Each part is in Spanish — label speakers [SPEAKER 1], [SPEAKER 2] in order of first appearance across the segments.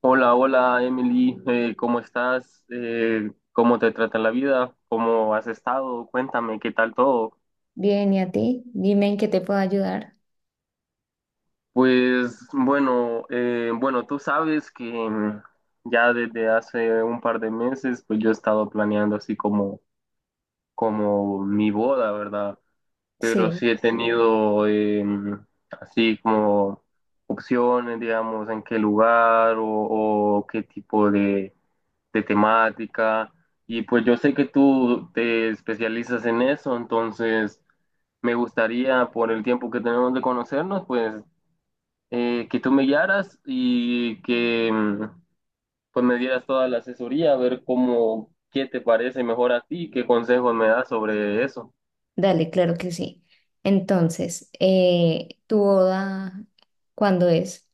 [SPEAKER 1] Hola, hola Emily. ¿cómo estás? ¿cómo te trata la vida? ¿Cómo has estado? Cuéntame, ¿qué tal todo?
[SPEAKER 2] Bien, ¿y a ti? Dime en qué te puedo ayudar.
[SPEAKER 1] Pues bueno, bueno, tú sabes que ya desde hace un par de meses, pues yo he estado planeando así como, como mi boda, ¿verdad? Pero
[SPEAKER 2] Sí,
[SPEAKER 1] sí he tenido así como opciones, digamos, en qué lugar o qué tipo de temática. Y pues yo sé que tú te especializas en eso, entonces me gustaría, por el tiempo que tenemos de conocernos, pues que tú me guiaras y que pues me dieras toda la asesoría, a ver cómo, qué te parece mejor a ti, qué consejos me das sobre eso.
[SPEAKER 2] dale, claro que sí. Entonces, ¿tu boda cuándo es?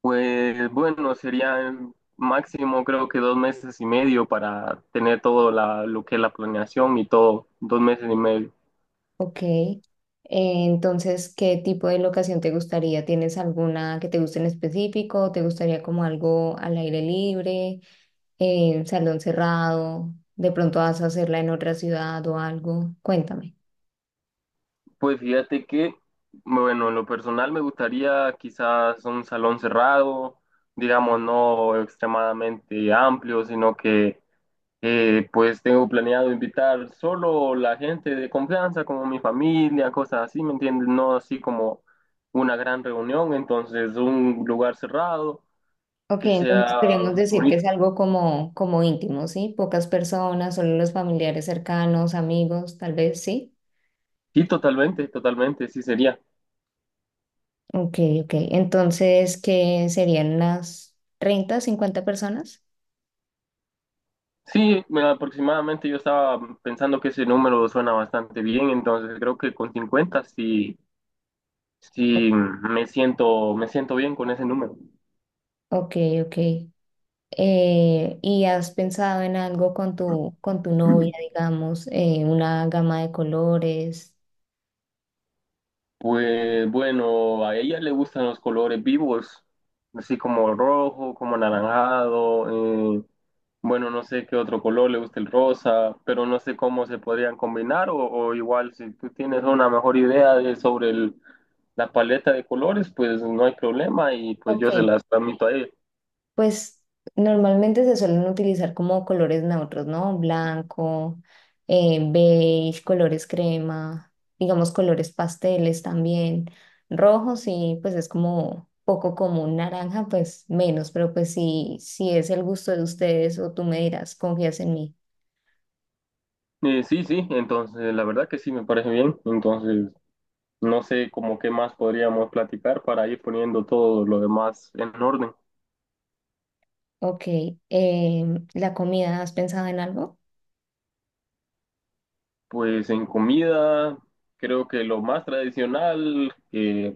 [SPEAKER 1] Pues bueno, sería máximo creo que dos meses y medio para tener todo lo que es la planeación y todo, dos meses y medio.
[SPEAKER 2] Ok. Entonces, ¿qué tipo de locación te gustaría? ¿Tienes alguna que te guste en específico? ¿Te gustaría como algo al aire libre, salón cerrado? ¿De pronto vas a hacerla en otra ciudad o algo? Cuéntame.
[SPEAKER 1] Pues fíjate que, bueno, en lo personal me gustaría quizás un salón cerrado, digamos, no extremadamente amplio, sino que pues tengo planeado invitar solo la gente de confianza, como mi familia, cosas así, ¿me entiendes? No así como una gran reunión, entonces un lugar cerrado
[SPEAKER 2] Ok,
[SPEAKER 1] que
[SPEAKER 2] entonces
[SPEAKER 1] sea
[SPEAKER 2] podríamos decir que
[SPEAKER 1] bonito,
[SPEAKER 2] es algo como, como íntimo, ¿sí? Pocas personas, solo los familiares cercanos, amigos, tal vez, ¿sí?
[SPEAKER 1] sí, totalmente, totalmente, sí sería.
[SPEAKER 2] Ok, ok. Entonces, ¿qué serían unas 30, 50 personas?
[SPEAKER 1] Sí, aproximadamente yo estaba pensando que ese número suena bastante bien, entonces creo que con 50 sí, me siento bien con ese número.
[SPEAKER 2] Ok, ok. ¿Y has pensado en algo con tu novia, digamos, una gama de colores?
[SPEAKER 1] Pues bueno, a ella le gustan los colores vivos, así como rojo, como anaranjado, bueno, no sé qué otro color le gusta el rosa, pero no sé cómo se podrían combinar o igual si tú tienes una mejor idea de, sobre la paleta de colores, pues no hay problema y pues
[SPEAKER 2] Ok,
[SPEAKER 1] yo se las transmito a ella.
[SPEAKER 2] pues normalmente se suelen utilizar como colores neutros, ¿no? Blanco, beige, colores crema, digamos colores pasteles también. Rojo sí, pues es como poco común, naranja pues menos, pero pues sí, si es el gusto de ustedes o tú me dirás, confías en mí.
[SPEAKER 1] Sí, sí, entonces la verdad que sí me parece bien. Entonces, no sé cómo qué más podríamos platicar para ir poniendo todo lo demás en orden.
[SPEAKER 2] Ok, ¿la comida has pensado en algo?
[SPEAKER 1] Pues en comida, creo que lo más tradicional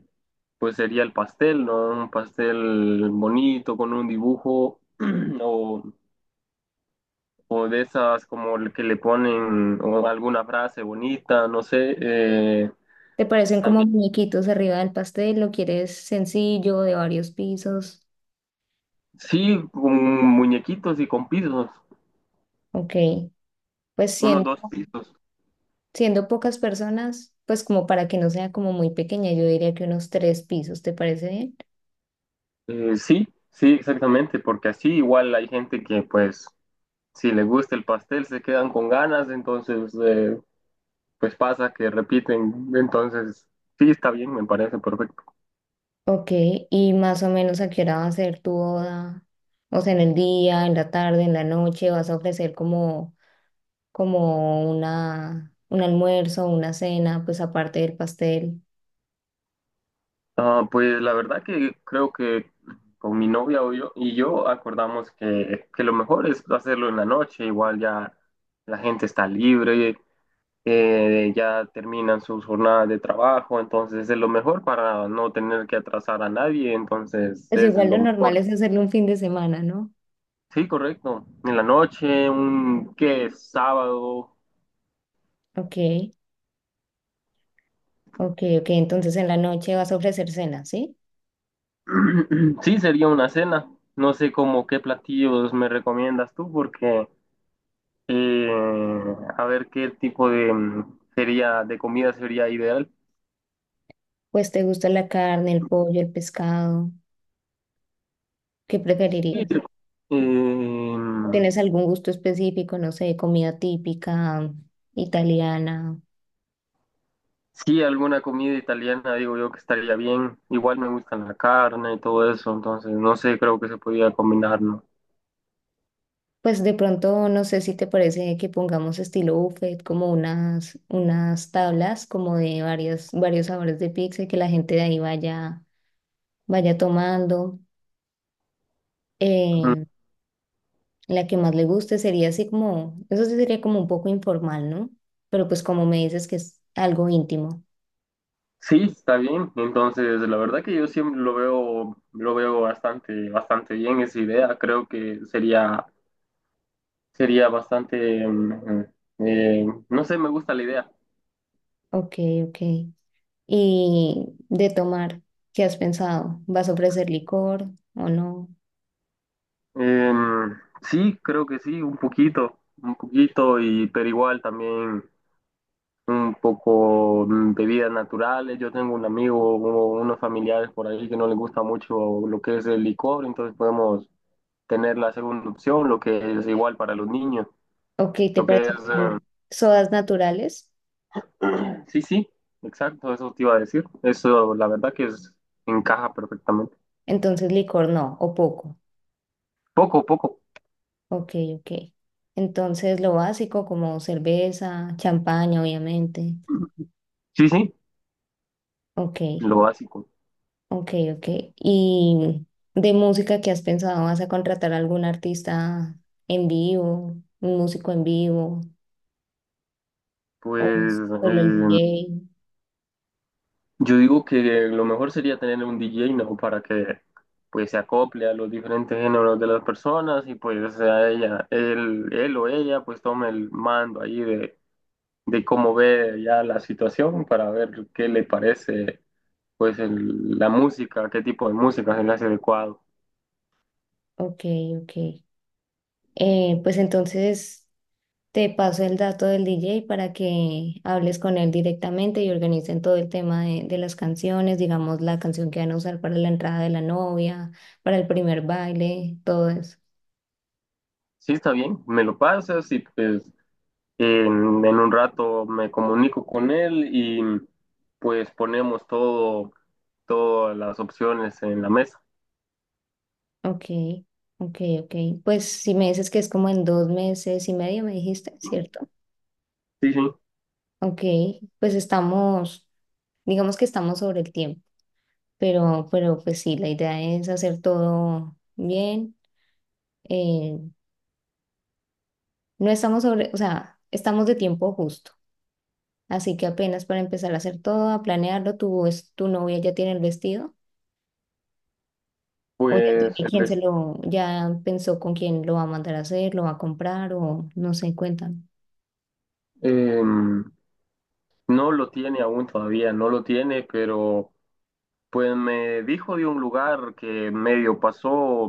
[SPEAKER 1] pues sería el pastel, ¿no? Un pastel bonito con un dibujo o, o de esas como el que le ponen o alguna frase bonita, no sé.
[SPEAKER 2] ¿Te parecen como
[SPEAKER 1] También,
[SPEAKER 2] muñequitos arriba del pastel? ¿Lo quieres sencillo, de varios pisos?
[SPEAKER 1] sí, con muñequitos y con pisos,
[SPEAKER 2] Ok, pues
[SPEAKER 1] unos
[SPEAKER 2] siendo...
[SPEAKER 1] dos pisos.
[SPEAKER 2] Siendo pocas personas, pues como para que no sea como muy pequeña, yo diría que unos 3 pisos, ¿te parece bien?
[SPEAKER 1] Sí, sí, exactamente, porque así igual hay gente que pues si le gusta el pastel se quedan con ganas, entonces pues pasa que repiten, entonces sí está bien, me parece perfecto.
[SPEAKER 2] Ok, y más o menos a qué hora va a ser tu boda, o sea, en el día, en la tarde, en la noche, vas a ofrecer como, como una, un almuerzo, una cena, pues aparte del pastel.
[SPEAKER 1] Ah, pues la verdad que creo que con mi novia o yo, y yo acordamos que lo mejor es hacerlo en la noche, igual ya la gente está libre, ya terminan sus jornadas de trabajo, entonces es lo mejor para no tener que atrasar a nadie, entonces
[SPEAKER 2] Pues
[SPEAKER 1] es
[SPEAKER 2] igual lo
[SPEAKER 1] lo mejor.
[SPEAKER 2] normal es hacerlo un fin de semana, ¿no?
[SPEAKER 1] Sí, correcto. En la noche, un qué sábado.
[SPEAKER 2] Ok, ok, ok, entonces en la noche vas a ofrecer cena, ¿sí?
[SPEAKER 1] Sí, sería una cena. No sé cómo qué platillos me recomiendas tú, porque eh, a ver qué tipo de sería de comida sería ideal.
[SPEAKER 2] Pues te gusta la carne, el pollo, el pescado, ¿qué
[SPEAKER 1] Sí,
[SPEAKER 2] preferirías?
[SPEAKER 1] eh,
[SPEAKER 2] ¿O ¿tienes algún gusto específico, no sé, comida típica italiana?
[SPEAKER 1] sí, alguna comida italiana, digo yo que estaría bien. Igual me gusta la carne y todo eso, entonces no sé, creo que se podría combinar, ¿no?
[SPEAKER 2] Pues de pronto, no sé si te parece que pongamos estilo buffet, como unas, unas tablas, como de varias, varios sabores de pizza y que la gente de ahí vaya, vaya tomando. Eh, la que más le guste sería así como, eso sí sería como un poco informal, ¿no? Pero pues como me dices que es algo íntimo.
[SPEAKER 1] Sí, está bien. Entonces, la verdad que yo siempre lo veo bastante, bastante bien esa idea. Creo que sería, sería eh, no sé, me gusta la idea.
[SPEAKER 2] Ok, ok. Y de tomar, ¿qué has pensado? ¿Vas a ofrecer licor o no?
[SPEAKER 1] Em, sí, creo que sí, un poquito, y pero igual también un poco bebidas naturales. Yo tengo un amigo, o unos familiares por ahí que no les gusta mucho lo que es el licor, entonces podemos tener la segunda opción, lo que es igual para los niños,
[SPEAKER 2] Ok, ¿te
[SPEAKER 1] lo que es
[SPEAKER 2] parecen sodas naturales?
[SPEAKER 1] sí, sí, exacto, eso te iba a decir. Eso, la verdad que es, encaja perfectamente.
[SPEAKER 2] Entonces licor no, o poco.
[SPEAKER 1] Poco, poco.
[SPEAKER 2] Ok, ok. Entonces lo básico como cerveza, champaña, obviamente.
[SPEAKER 1] Sí, sí,
[SPEAKER 2] Ok,
[SPEAKER 1] lo básico.
[SPEAKER 2] ok, ok. ¿Y de música que has pensado? ¿Vas a contratar a algún artista en vivo, un músico en vivo,
[SPEAKER 1] Pues
[SPEAKER 2] o solo el DJ?
[SPEAKER 1] yo digo que lo mejor sería tener un DJ, ¿no? Para que pues se acople a los diferentes géneros de las personas y pues sea ella, él o ella pues tome el mando ahí de cómo ve ya la situación para ver qué le parece pues la música, qué tipo de música se le hace adecuado.
[SPEAKER 2] Ok, ok. Pues entonces... Te paso el dato del DJ para que hables con él directamente y organicen todo el tema de las canciones, digamos la canción que van a usar para la entrada de la novia, para el primer baile, todo eso.
[SPEAKER 1] Sí, está bien, me lo pasas y pues en un rato me comunico con él y pues ponemos todo, todas las opciones en la mesa.
[SPEAKER 2] Ok, ok, ok. Pues si me dices que es como en 2 meses y medio, me dijiste, ¿cierto?
[SPEAKER 1] Sí, sí,
[SPEAKER 2] Ok, pues estamos, digamos que estamos sobre el tiempo, pero pues sí, la idea es hacer todo bien. eh, no estamos sobre, o sea, estamos de tiempo justo. Así que apenas para empezar a hacer todo, a planearlo, tu, tu novia ya tiene el vestido o ya
[SPEAKER 1] pues
[SPEAKER 2] tiene quién se lo, ya pensó con quién lo va a mandar a hacer, lo va a comprar o no sé, cuéntame.
[SPEAKER 1] em, no lo tiene aún todavía, no lo tiene, pero pues me dijo de un lugar que medio pasó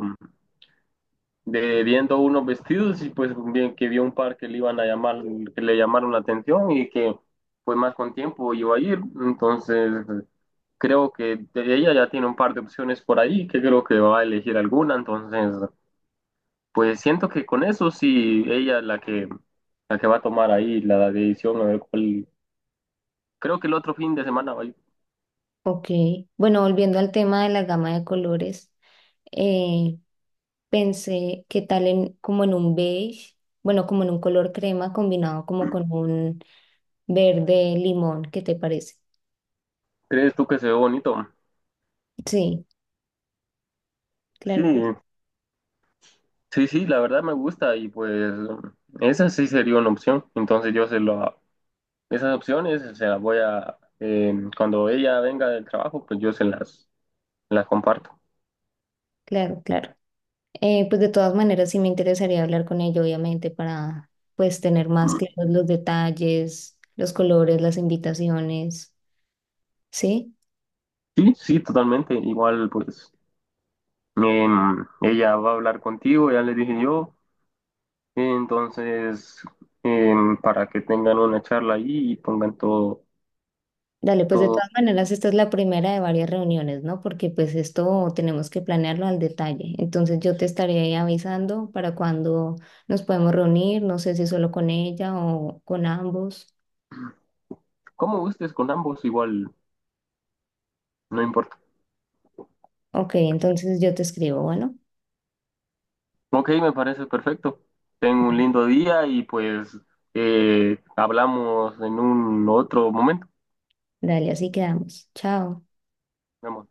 [SPEAKER 1] de viendo unos vestidos y pues bien que vio un par que le iban a llamar, que le llamaron la atención y que pues más con tiempo iba a ir. Entonces creo que de ella ya tiene un par de opciones por ahí, que creo que va a elegir alguna. Entonces pues siento que con eso sí, ella es la que va a tomar ahí la decisión, a ver cuál. Creo que el otro fin de semana, ay,
[SPEAKER 2] Ok, bueno, volviendo al tema de la gama de colores, eh, pensé qué tal en, como en un beige, bueno, como en un color crema combinado como con un verde limón, ¿qué te parece?
[SPEAKER 1] ¿crees tú que se ve bonito?
[SPEAKER 2] Sí,
[SPEAKER 1] Sí,
[SPEAKER 2] claro que sí,
[SPEAKER 1] sí, sí, la verdad me gusta y pues esa sí sería una opción. Entonces yo se lo, esas opciones se las voy a, cuando ella venga del trabajo, pues yo se las comparto.
[SPEAKER 2] claro, claro. Pues de todas maneras sí me interesaría hablar con ella, obviamente, para pues tener más claros los detalles, los colores, las invitaciones, ¿sí?
[SPEAKER 1] Sí, sí, totalmente. Igual, pues ella va a hablar contigo, ya le dije yo. Entonces, para que tengan una charla ahí y pongan todo,
[SPEAKER 2] Dale, pues de
[SPEAKER 1] todo,
[SPEAKER 2] todas maneras esta es la primera de varias reuniones, ¿no? Porque pues esto tenemos que planearlo al detalle. Entonces yo te estaré ahí avisando para cuando nos podemos reunir, no sé si solo con ella o con ambos.
[SPEAKER 1] como gustes con ambos, igual, no importa.
[SPEAKER 2] Ok, entonces yo te escribo, bueno,
[SPEAKER 1] Ok, me parece perfecto. Tengo un lindo día y pues hablamos en un otro momento.
[SPEAKER 2] dale, así quedamos. Chao.
[SPEAKER 1] Nos vemos.